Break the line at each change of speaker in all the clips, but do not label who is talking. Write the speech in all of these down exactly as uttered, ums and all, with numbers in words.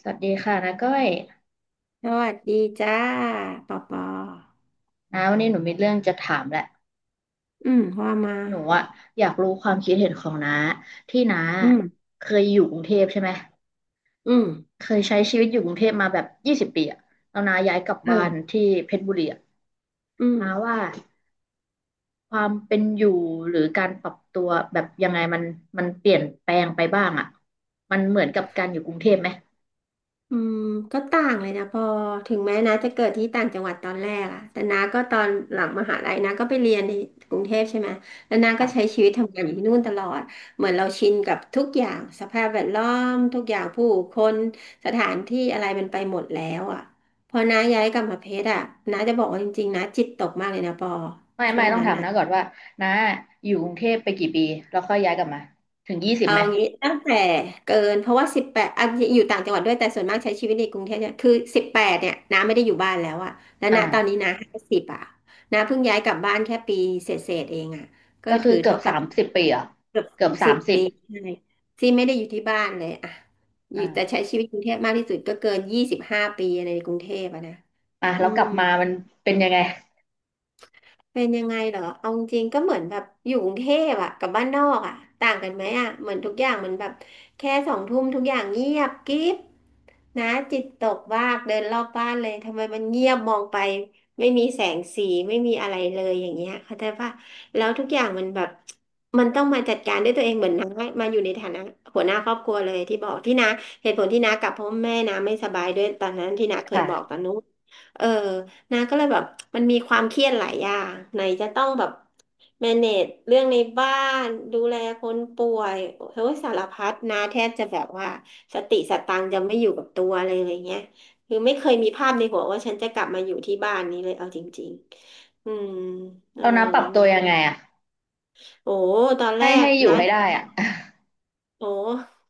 สวัสดีค่ะนาก้อย
สวัสดีจ้าปอปอ
นาวันนี้หนูมีเรื่องจะถามแหละ
อืมว่ามา
หนูอะอยากรู้ความคิดเห็นของน้าที่น้า
อืม
เคยอยู่กรุงเทพใช่ไหม
อืม
เคยใช้ชีวิตอยู่กรุงเทพมาแบบยี่สิบปีอะแล้วน้าย้ายกลับบ้าน
เออ
ที่เพชรบุรีอะ
อืม
น้าว่าความเป็นอยู่หรือการปรับตัวแบบยังไงมันมันเปลี่ยนแปลงไปบ้างอะมันเหมือนกับการอยู่กรุงเทพไหม
อืมก็ต่างเลยนะปอถึงแม้นะจะเกิดที่ต่างจังหวัดตอนแรกอะแต่นาก็ตอนหลังมหาลัยนาก็ไปเรียนในกรุงเทพใช่ไหมแล้วนาก็ใช้
ค่ะ
ชีวิตทำงานอยู่ที่นู่นตลอดเหมือนเราชินกับทุกอย่างสภาพแวดล้อมทุกอย่างผู้คนสถานที่อะไรมันไปหมดแล้วอะพอน้าย้ายกลับมาเพชรอะน้าจะบอกว่าจริงๆนาจิตตกมากเลยนะปอ
ไม่
ช่ว
ไม่
ง
ต้อง
นั้น
ถาม
อะ
นาก่อนว่าน้าอยู่กรุงเทพไปกี่ปีแล้วค่อยย้ายกลับมาถึงยี่สิบ
เอา
ไหม
งี้ตั้งแต่เกินเพราะว่าสิบแปดอะอยู่ต่างจังหวัดด้วยแต่ส่วนมากใช้ชีวิตในกรุงเทพเนี่ยคือสิบแปดเนี่ยน้าไม่ได้อยู่บ้านแล้วอะแล้วณตอนนี้
อ่า
น้าห้าสิบอะน้าเพิ่งย้ายกลับบ้านแค่ปีเศษเศษเองอะก็
ก็คื
ถื
อ
อ
เกือ
เท่า
บ
กับ
สามสิบปีอ่ะ
เกือบ
เกื
สา
อบ
ม
สา
สิบ
มสิ
ปี
บ
ใช่ที่ไม่ได้อยู่ที่บ้านเลยอะอยู่แต่
อ่า
ใช้ชีวิตกรุงเทพมากที่สุดก็เกินยี่สิบห้าปีในกรุงเทพอะนะ
อ่ะ
อื
แล้วกลั
ม
บมามันเป็นยังไง
เป็นยังไงเหรอเอาจริงๆก็เหมือนแบบอยู่กรุงเทพอะกับบ้านนอกอะต่างกันไหมอะเหมือนทุกอย่างมันแบบแค่สองทุ่มทุกอย่างเงียบกริบนะจิตตกมากเดินรอบบ้านเลยทำไมมันเงียบมองไปไม่มีแสงสีไม่มีอะไรเลยอย่างเงี้ยเข้าใจป่ะแล้วทุกอย่างมันแบบมันต้องมาจัดการด้วยตัวเองเหมือนน้ามาอยู่ในฐานะหัวหน้าครอบครัวเลยที่บอกที่น้าเหตุผลที่น้ากลับเพราะแม่น้าไม่สบายด้วยตอนนั้นที่น้าเคยบอกตอ
ค่ะ
นนู้นเออ นะก็เลยแบบมันมีความเครียดหลายอย่างไหนจะต้องแบบ manage เรื่องในบ้านดูแลคนป่วยเฮ้ยสารพัดนะแทบจะแบบว่าสติสตังค์จะไม่อยู่กับตัวเลยอะไรเงี้ยคือไม่เคยมีภาพในหัวว่าฉันจะกลับมาอยู่ที่บ้านนี้เลยเอาจริงๆอืมเออ
เรานะปรับตั
นะ
วยังไงอ่ะ
โอ้ตอนแร
ให้
ก
ให้อยู่
นะ
ให้ได้อ่ะ
โอ้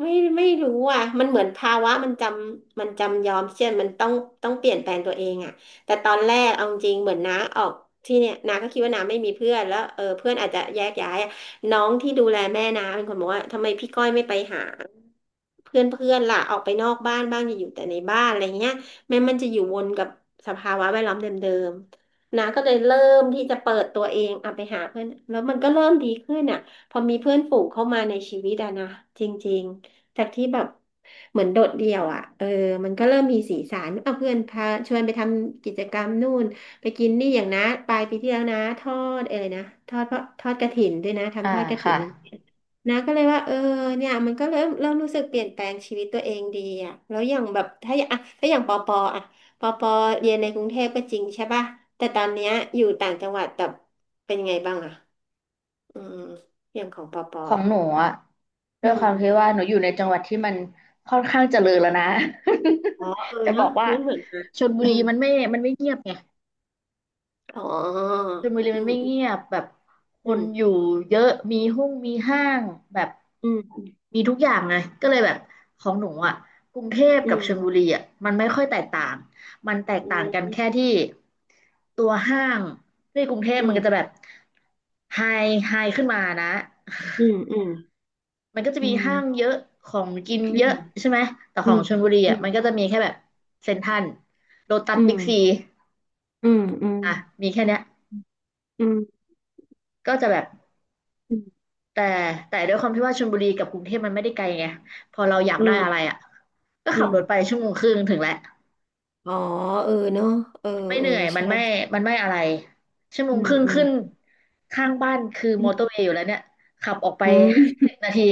ไม่ไม่รู้อ่ะ มันเหมือนภาวะมันจำมันจำยอมเช่นมันต้องต้องเปลี่ยนแปลงตัวเองอ่ะ แต่ตอนแรกเอาจริงเหมือนน้าออกที่เนี่ยน้าก็คิดว่าน้าไม่มีเพื่อนแล้วเออเพื่อนอาจจะแยกย้ายอะน้องที่ดูแลแม่น้าเป็นคนบอกว่าทำไมพี่ก้อยไม่ไปหาเพื่อนเพื่อนล่ะออกไปนอกบ้านบ้างอย่าอยู่แต่ในบ้านอะไรเงี้ยแม้มันจะอยู่วนกับสภาวะแวดล้อมเดิมๆน้าก็เลยเริ่มที่จะเปิดตัวเองอ่ะไปหาเพื่อนแล้วมันก็เริ่มดีขึ้นอ่ะพอมีเพื่อนฝูงเข้ามาในชีวิตอะนะจริงๆ จากที่แบบเหมือนโดดเดี่ยวอ่ะเออมันก็เริ่มมีสีสันเอาเพื่อนพาชวนไปทำกิจกรรมนู่นไปกินนี่อย่างนะปลายปีที่แล้วนะทอดอะไรนะทอดเพราะทอดกฐินด้วยนะ
อ่า
ทำทอดกฐิ
ค่ะ
นนะนะก็เลยว่าเออเนี่ยมันก็เริ่มเริ่มรู้สึกเปลี่ยนแปลงชีวิตตัวเองดีอ่ะแล้วอย่างแบบถ้าอย่างอ่ะถ้าอย่างปอปออ่ะปอปอเรียนในกรุงเทพก็จริงใช่ป่ะแต่ตอนเนี้ยอยู่ต่างจังหวัดแต่เป็นไงบ้างอ่ะอืมอย่างของปอปอ
ของ
อ่ะ
หนูอ่ะด้
อื
วย
ม
ความที่ว่าหนูอยู่ในจังหวัดที่มันค่อนข้างเจริญแล้วนะ
อ๋อเอ อ
จะบอ
เนาะ
กว่า
ไม่เหมือนกัน
ชลบุ
อื
รี
ม
มันไม่มันไม่เงียบไง
อ๋อ
ชลบุรี
อื
มันไม่เงี
ม
ยบแบบค
อื
นอ
ม
ยู่เยอะมีห้องมีห้างแบบ
อืม
มีทุกอย่างไงก็เลยแบบของหนูอ่ะกรุงเทพ
อื
กับ
ม
ชลบุรีอ่ะมันไม่ค่อยแตกต่างมันแตก
อื
ต่างกัน
ม
แค่ที่ตัวห้างที่กรุงเทพมันก็จะแบบไฮไฮขึ้นมานะ
อืมอืม
มันก็จะ
อื
มี
ม
ห้างเยอะของกินเยอะใช่ไหมแต่ข
อื
อง
ม
ชลบุรี
อื
อ่ะมันก็จะมีแค่แบบเซ็นทรัลโลตัส
ม
บิ๊กซี
อืมอืม
อ่ะมีแค่เนี้ย
อืม
ก็จะแบบ
อืม
แต่แต่ด้วยความที่ว่าชลบุรีกับกรุงเทพมันไม่ได้ไกลไงพอเราอยาก
อื
ได้
มอืมอื
อะไร
ม
อ่ะก็
อื
ขับ
มอ
รถไป
ม
ชั่วโมงครึ่งถึงแล้ว
อ๋อเออเนาะเออ
มันไม่เห
เออ
นื่อยมัน
ใช่
ไม่มันไม่อะไรชั่วโม
อื
งค
ม
รึ่ง
อืม
ขึ้นข้างบ้านคือ
อื
มอเตอร์เว
ม
ย์อยู่แล้วเนี่ยขับออกไป
อืม
สิบนาที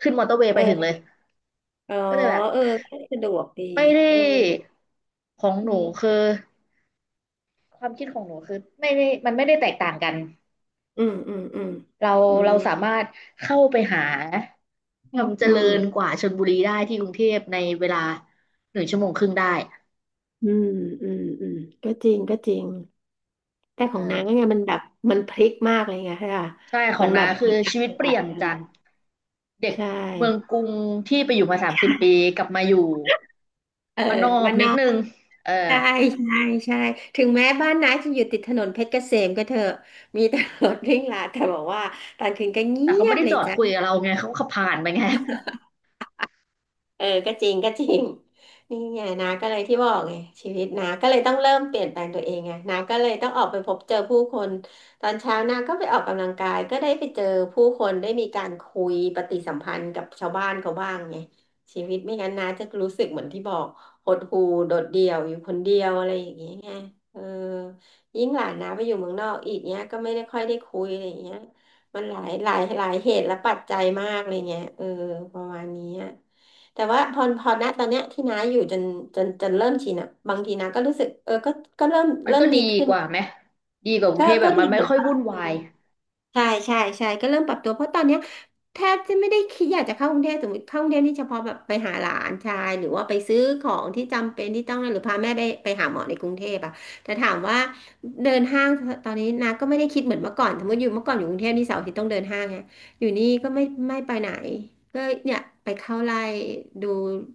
ขึ้นมอเตอร์เวย์
เอ
ไปถึงเลย
ออ๋อ
ก็เลยแบบ
เออก็สะดวกดี
ไม่ได้
เออ
ของ
อื
หนู
ม
คือความคิดของหนูคือไม่ได้มันไม่ได้แตกต่างกัน
อืมอืมอืม
เรา
อืม
เราสามารถเข้าไปหาความเจ
อื
ริ
ม
ญกว่าชลบุรีได้ที่กรุงเทพในเวลาหนึ่งชั่วโมงครึ่งได้
อืมอืมอืมก็จริงก็จริง แต่ของนาง
เออ
ก็เนี่ยมันแบบมันพลิกมากเลยไงค่ะ
ใช่ข
มั
อง
นแบ
น้า
บ
คื
มั
อ
นอัก
ชีวิต
จัง
เป
หวั
ลี่
ด
ยน
เล
จาก
ย
เด็ก
ใช
เมือง
่
กรุงที่ไปอยู่มาสามสิบปี กลับมาอยู่
เออ
บ้านนอก
วันน
นิด
อก
นึงเออ
ใช่ใช่ใช่ถึงแม้บ้านน้าจะอยู่ติดถนนเพชรเกษมก็เถอะมีตำรวจวิ่งลาดแต่บอกว่าตอนคืนก็เงี
แต่เขา
ย
ไม่
บ
ได้
เล
จ
ย
อด
จ้า
คุยกับเราไงเขาขับผ่านไปไง
เออก็จริงก็จริง นี่ไงนาก็เลยที่บอกไงชีวิตนาก็เลยต้องเริ่มเปลี่ยนแปลงตัวเองไงนาก็เลยต้องออกไปพบเจอผู้คนตอนเช้านาก็ไปออกกำลังกายก็ได้ไปเจอผู้คนได้มีการคุยปฏิสัมพันธ์กับชาวบ้านเขาบ้างไงชีวิตไม่งั้นนาจะรู้สึกเหมือนที่บอกหดหู่โดดเดี่ยวอยู่คนเดียวอะไรอย่างเงี้ยไงเออยิ่งหลานนาไปอยู่เมืองนอกอีกเนี้ยก็ไม่ได้ค่อยได้คุยอะไรอย่างเงี้ยมันหลายหลายหลายเหตุและปัจจัยมากเลยเงี้ยเออประมาณนี้อะ แต่ว่าพอพอณตอนเนี้ยที่น้าอยู่จนจนจนเริ่มชินอ่ะบางทีน้าก็รู้สึกเออก็ก็เริ่ม
มัน
เริ่
ก็
มดี
ดี
ขึ้น
กว่าไหมดีกว่ากรุ
ก็
งเทพแบ
ก็
บ
ดี
มันไม่
เหมือน
ค่อย
กัน
วุ่นวาย
ใช่ใช่ใช่ก็เริ่มปรับตัวเพราะตอนเนี้ยแทบจะไม่ได้คิดอยากจะเข้ากรุงเทพสมมติเข้ากรุงเทพนี่เฉพาะแบบไปหาหลานชายหรือว่าไปซื้อของที่จำเป็นที่ต้องหรือพาแม่ไปไปหาหมอในกรุงเทพอะแต่ถามว่าเดินห้างตอนนี้นะก็ไม่ได้คิดเหมือนเมื่อก่อนสมมติอยู่เมื่อก่อนอยู่กรุงเทพนี่เสาร์อาทิตย์ต้องเดินห้างไงอยู่นี่ก็ไม่ไม่ไปไหนก็เนี่ยไปเข้าไร่ดู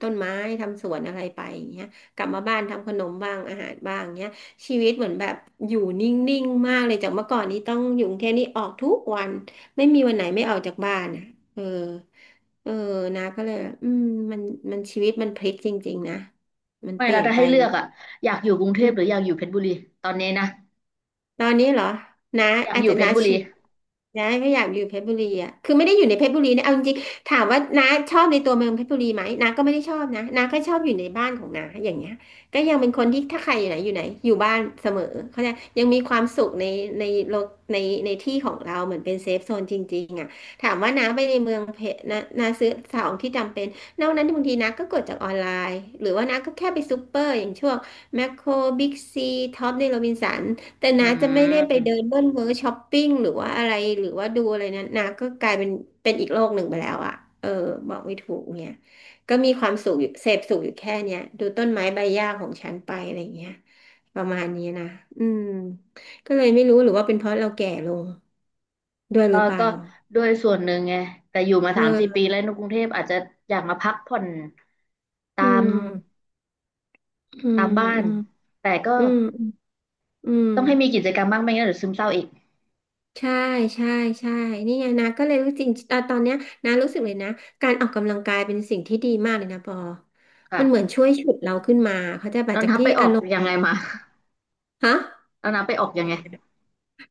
ต้นไม้ทำสวนอะไรไปอย่างเงี้ยกลับมาบ้านทำขนมบ้างอาหารบ้างเงี้ย ชีวิตเหมือนแบบอยู่นิ่งๆมากเลยจากเมื่อก่อนนี้ต้องอยู่กรุงเทพนี่ออกทุกวันไม่มีวันไหนไม่ออกจากบ้านอ่ะเออเออนะก็เลยอืมมันมันชีวิตมันพลิกจริงๆนะมัน
ไม่
เป
แล้
ลี่
ว
ยน
ถ้า
ไป
ให้เลื
เล
อก
ย
อ่ะอยากอยู่กรุงเท
อื
พหรือ
ม
อยากอยู่เพชรบุรีตอนนี้นะ
ตอนนี้เหรอนะ
อยาก
อาจ
อยู่
จะ
เพช
นะ
รบุ
ชิ
รี
น้าไม่อยากอยู่เพชรบุรีอ่ะคือไม่ได้อยู่ในเพชรบุรีนะเอาจริงๆถามว่าน้าชอบในตัวเมืองเพชรบุรีไหมน้าก็ไม่ได้ชอบนะน้าก็ชอบอยู่ในบ้านของน้าอย่างเงี้ยก็ยังเป็นคนที่ถ้าใครอยู่ไหนอยู่ไหนอยู่บ้านเสมอเขาใจยังมีความสุขในในโลกในในที่ของเราเหมือนเป็นเซฟโซนจริงๆอ่ะถามว่าน้าไปในเมืองเพชรน้าน้าซื้อของที่จำเป็นนอกนั้นบางทีน้าก็กดจากออนไลน์หรือว่าน้าก็แค่ไปซูเปอร์อย่างช่วงแมคโครบิ๊กซีท็อปในโรบินสัน แต่
อื
น้าจะไม่ได้ไปเดิน
ม
เบิ้ลเวอร์ช้อปปิ้งหรือว่าอะไรหรือว่าดูอะไรนั้นน้าก็กลายเป็นเป็นอีกโลกหนึ่งไปแล้วอะเออบอกไม่ถูกเนี่ยก็มีความสุขอยู่เสพสุขอยู่แค่เนี้ยดูต้นไม้ใบหญ้าของฉันไปอะไรเงี้ยประมาณนี้นะอืมก็เลยไม่รู้หรือว่าเป็นเพราะเราแก่ลงด้วย
เอ
ห
อ
รือเปล่า
ก็ด้วยส่วนหนึ่งไงแต่อยู่มาสามสี่ปี
เออ
แล้วในกรุงเทพอาจจะอยากมาพักผ่อนตา
อื
ม
มอื
ตา
ม
มบ้าน
อืม
แต่ก็
อืมอืม
ต้องให้มีกิจกรรมบ้างไม่งั้นเดี๋ยวซึมเศร้าอีก
ใช่ใช่ใช่ นี่ไงนะ ก็เลยรู้จริงตอนตอนเนี้ยนะรู้สึกเลยนะ การออกกำลังกายเป็นสิ่งที่ดีมากเลยนะปอมันเหมือน
ค่ะ
ช่วยฉุดเราขึ้นมา เขาใจะแบบ
แล้ว
จาก
นับ
ที่
ไปอ
อา
อก
รมณ์
ยังไงมา
ฮะ
แล้วนับไปออกยังไง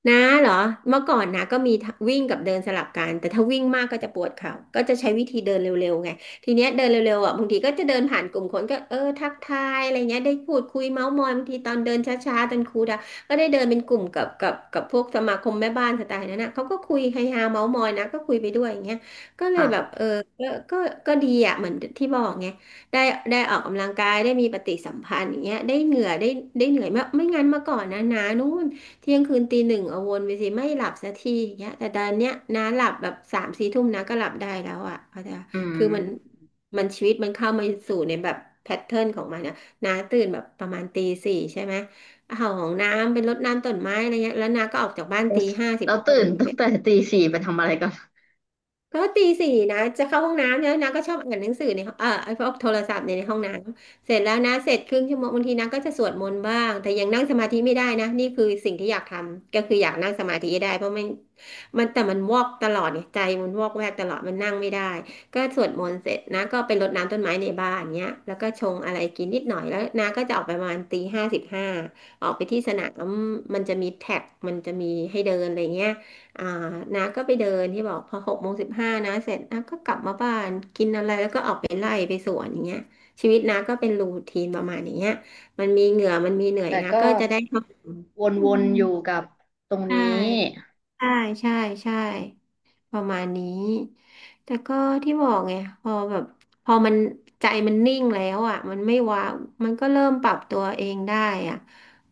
นะเหรอเมื่อก่อนนะก็มีวิ่งกับเดินสลับกันแต่ถ้าวิ่งมากก็จะปวดเข่าก็จะใช้วิธีเดินเร็วๆไงทีเนี้ยเดินเร็วๆอ่ะบางทีก็จะเดินผ่านกลุ่มคนก็เออทักทายอะไรเงี้ยได้พูดคุยเมาท์มอยบางทีตอนเดินช้าๆตอนครูดาก็ได้เดินเป็นกลุ่มกับกับกับพวกสมาคมแม่บ้านสไตล์นั้นนะเขาก็คุยเฮฮาเมาท์มอยนะก็คุยไปด้วยอย่างเงี้ยก็เลยแบบ
ค่ะ
เออก็ก็ก็ดีอ่ะเหมือนที่บอกไงได้ได้ออกกำลังกายได้มีปฏิสัมพันธ์อย่างเงี้ยได้เหงื่อได้ได้เหนื่อยมากไม่งั้นเมื่อก่อนนะนะนู้น เที่ยงคืนตีหนึ่งเอาวนไปสิไม่หลับสักทีอย่างเงี้ยแต่ดันเนี้ยน้าหลับแบบสามสี่ทุ่มน้าก็หลับได้แล้วอ่ะเพราะจะ
อืม
คือมันมันชีวิตมันเข้ามาสู่ในแบบแพทเทิร์นของมันนะน้าตื่นแบบประมาณตีสี่ใช่ไหมเอาของน้ำเป็นรดน้ำต้นไม้อะไรเงี้ย แล้วน้าก็ออกจากบ้าน
แล้ว
ตีห้าสิ
แล้
บ
ว
ห้า
ตื่น
เนี่ย
ตั้
ไป
งแต่ตีสี่ไปทำอะไรก่อน
ก็ตีสี่นะจะเข้าห้องน้ำแล้วนะก็ชอบอ่านหนังสือในห้องเออไอ้พวกโทรศัพท์เนี่ยในห้องน้ำเสร็จแล้วนะเสร็จครึ่งชั่วโมงบางทีนะก็จะสวดมนต์บ้างแต่ยังนั่งสมาธิไม่ได้นะนี่คือสิ่งที่อยากทำก็คืออยากนั่งสมาธิให้ได้เพราะมันมันแต่มันวอกตลอดเนี่ยใจมันวอกแวกตลอดมันนั่งไม่ได้ก็สวดมนต์เสร็จนะก็ไปรดน้ำต้นไม้ในบ้านเนี้ยแล้วก็ชงอะไรกินนิดหน่อยแล้วนะก็จะออกไปประมาณตีห้าสิบห้าออกไปที่สนามมันจะมีแท็กมันจะมีให้เดินอะไรเงี้ย อ่าน้าก็ไปเดินที่บอกพอหกโมงสิบห้านะเสร็จน้าก็กลับมาบ้านกินอะไรแล้วก็ออกไปไล่ไปสวนอย่างเงี้ยชีวิตน้าก็เป็นรูทีนประมาณอย่างเงี้ยมันมีเหงื่อมันมีเหนื่อย
แต่
น้า
ก็
ก็จะได้ทำอื
วน
ม
ๆอยู่กับตรง
ใช่
นี้
ใช่ใช่ใช่ ประมาณนี้ แต่ก็ที่บอกไงพอแบบพอมันใจมันนิ่งแล้วอ่ะมันไม่ว้าวมันก็เริ่มปรับตัวเองได้อ่ะ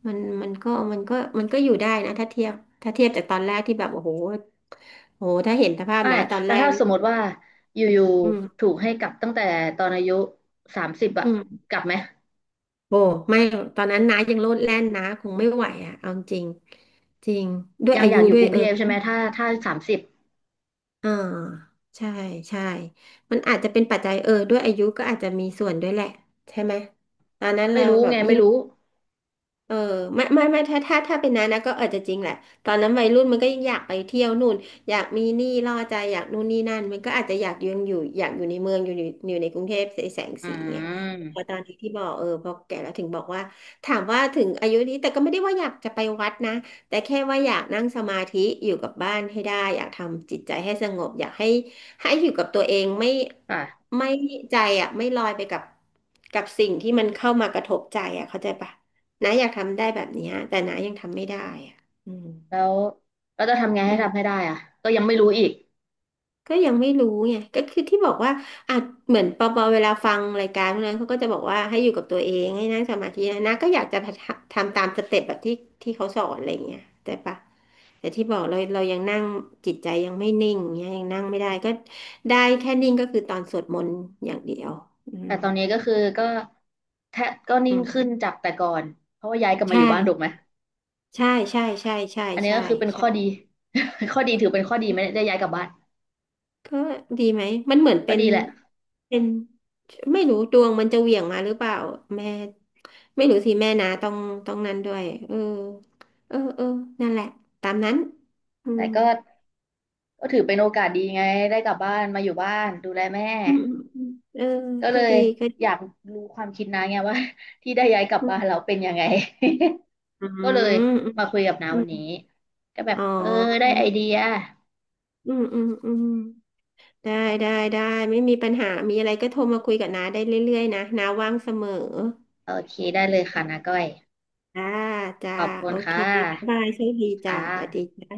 มันมันก็มันก็มันก็อยู่ได้นะถ้าเทียบถ้าเทียบจากตอนแรกที่แบบโอ้โหโอ้โหถ้าเห็นสภาพ
ไม่
นะตอน
แล้
แร
ว
ก
ถ้าส
นี่
มมติว่าอยู่
อื
ๆ
ม
ถูกให้กลับตั้งแต่ตอนอายุสามสิบอะ
อืม
กลับไหม
โอ้ไม่หรอกตอนนั้นนายังโลดแล่นนะคงไม่ไหวอ่ะเอาจริงจริงด้วย
ยัง
อา
อ
ยุ
ยากอ
ด้
ยู่
ว
ก
ย
รุง
เอ
เท
อ
พใช่ไหมถ้าถ้าสามสิบ
อ่าใช่ใช่มันอาจจะเป็นปัจจัยเออด้วยอายุก็อาจจะมีส่วนด้วยแหละใช่ไหมตอนนั้น
ไม่
เรา
รู้
แบบ
ไงไม่
ยิ่ง
รู้
เออไม่ไม่ไม่ถ้าถ้าถ้าเป็นนั้นนะก็อาจจะจริงแหละตอนนั้นวัยรุ่นมันก็อยากไปเที่ยวนู่นอยากมีหนี้ล่อใจอยากนู่นนี่นั่นมันก็อาจจะอยากยังอยู่อยากอยู่ในเมืองอยู่อยู่อยู่ในกรุงเทพแสง
อื
สีไง
ม
พอตอนนี้ที่บอกเออพอแก่แล้วถึงบอกว่าถามว่าถึงอายุนี้แต่ก็ไม่ได้ว่าอยากจะไปวัดนะแต่แค่ว่าอยากนั่งสมาธิอยู่กับบ้านให้ได้อยากทำจิตใจให้สงบอยากให้ให้อยู่กับตัวเองไม่
ค่ะ
ไม่ใจอ่ะไม่ลอยไปกับกับสิ่งที่มันเข้ามากระทบใจอ่ะเข้าใจปะ น้าอยากทำได้แบบเนี้ยแต่น้ายังทำไม่ได้อ่ะอืม
แล้วแลจะทำไง
อื
ให้
ม
ทำให้ได้อะก็ยังไม่รู้อีก
ก็ยังไม่รู้ไงก็คือที่บอกว่าอ่ะเหมือนปอปอเวลาฟังรายการพวกนั้นเขาก็จะบอกว่าให้อยู่กับตัวเองให้นั่งสมาธินะน้าก็อยากจะทำตามสเต็ปแบบที่ที่เขาสอนอะไรอย่างเงี้ยแต่ปะแต่ที่บอกเราเรายังนั่งจิตใจยังไม่นิ่งเงี้ยยังนั่งไม่ได้ก็ได้แค่นิ่งก็คือตอนสวดมนต์อย่างเดียวอืม
แต่ตอนนี้ก็คือก็แทบก็นิ่
อื
งขึ้น
ม
จากแต่ก่อนเพราะว่าย้ายกลับมา
ใช่
อยู่บ้านถูกไหม
ใช่ใช่ใช่ใช่
อันนี้
ใช่
ก็คือเป็นข้อดี
ใช่
ข้อดีถือเป็นข้อดีไม่ได้ย้ายกลับบ้าน
ก็ดีไหมมันเหมือน
ก็
เป็น
ดีแหละ
เป็นไม่รู้ดวงมันจะเหวี่ยงมาหรือเปล่าแม่ไม่รู้สิแม่นะต้องต้องนั้นด้วยเออเออเออนั่นแหละตามนั้นอื
แต่
ม
ก็ก็ถือเป็นโอกาสดีไงได้กลับบ้านมาอยู่บ้านดูแลแม่
อืมอืมเออ
ก็เล
ก็
ย
ดีก็ดี
อยากรู้ความคิดนะไงว่า ที่ได้ย้ายกลับ
อื
บ้าน
ม
เราเป็นยังไง
อื
ก็เลย
ม
มาคุยกับน้า
อื
วั
ม
นนี้ก็แบบ
อ๋อ
เออได้
ได้
ไอเดีย
อืมอืมอืมได้ได้ได้ไม่มีปัญหามีอะไรก็โทรมาคุยกับน้าได้เรื่อยๆนะน้าว่างเสมอ
โอเคได้เลยค่ะนาก้อย
จ้าจ้า
ขอบคุ
โอ
ณ
เค
ค่
บ๊ายบา
ะ
ยโชคดีจ้า
ค่ะ
สวัสดีจ้า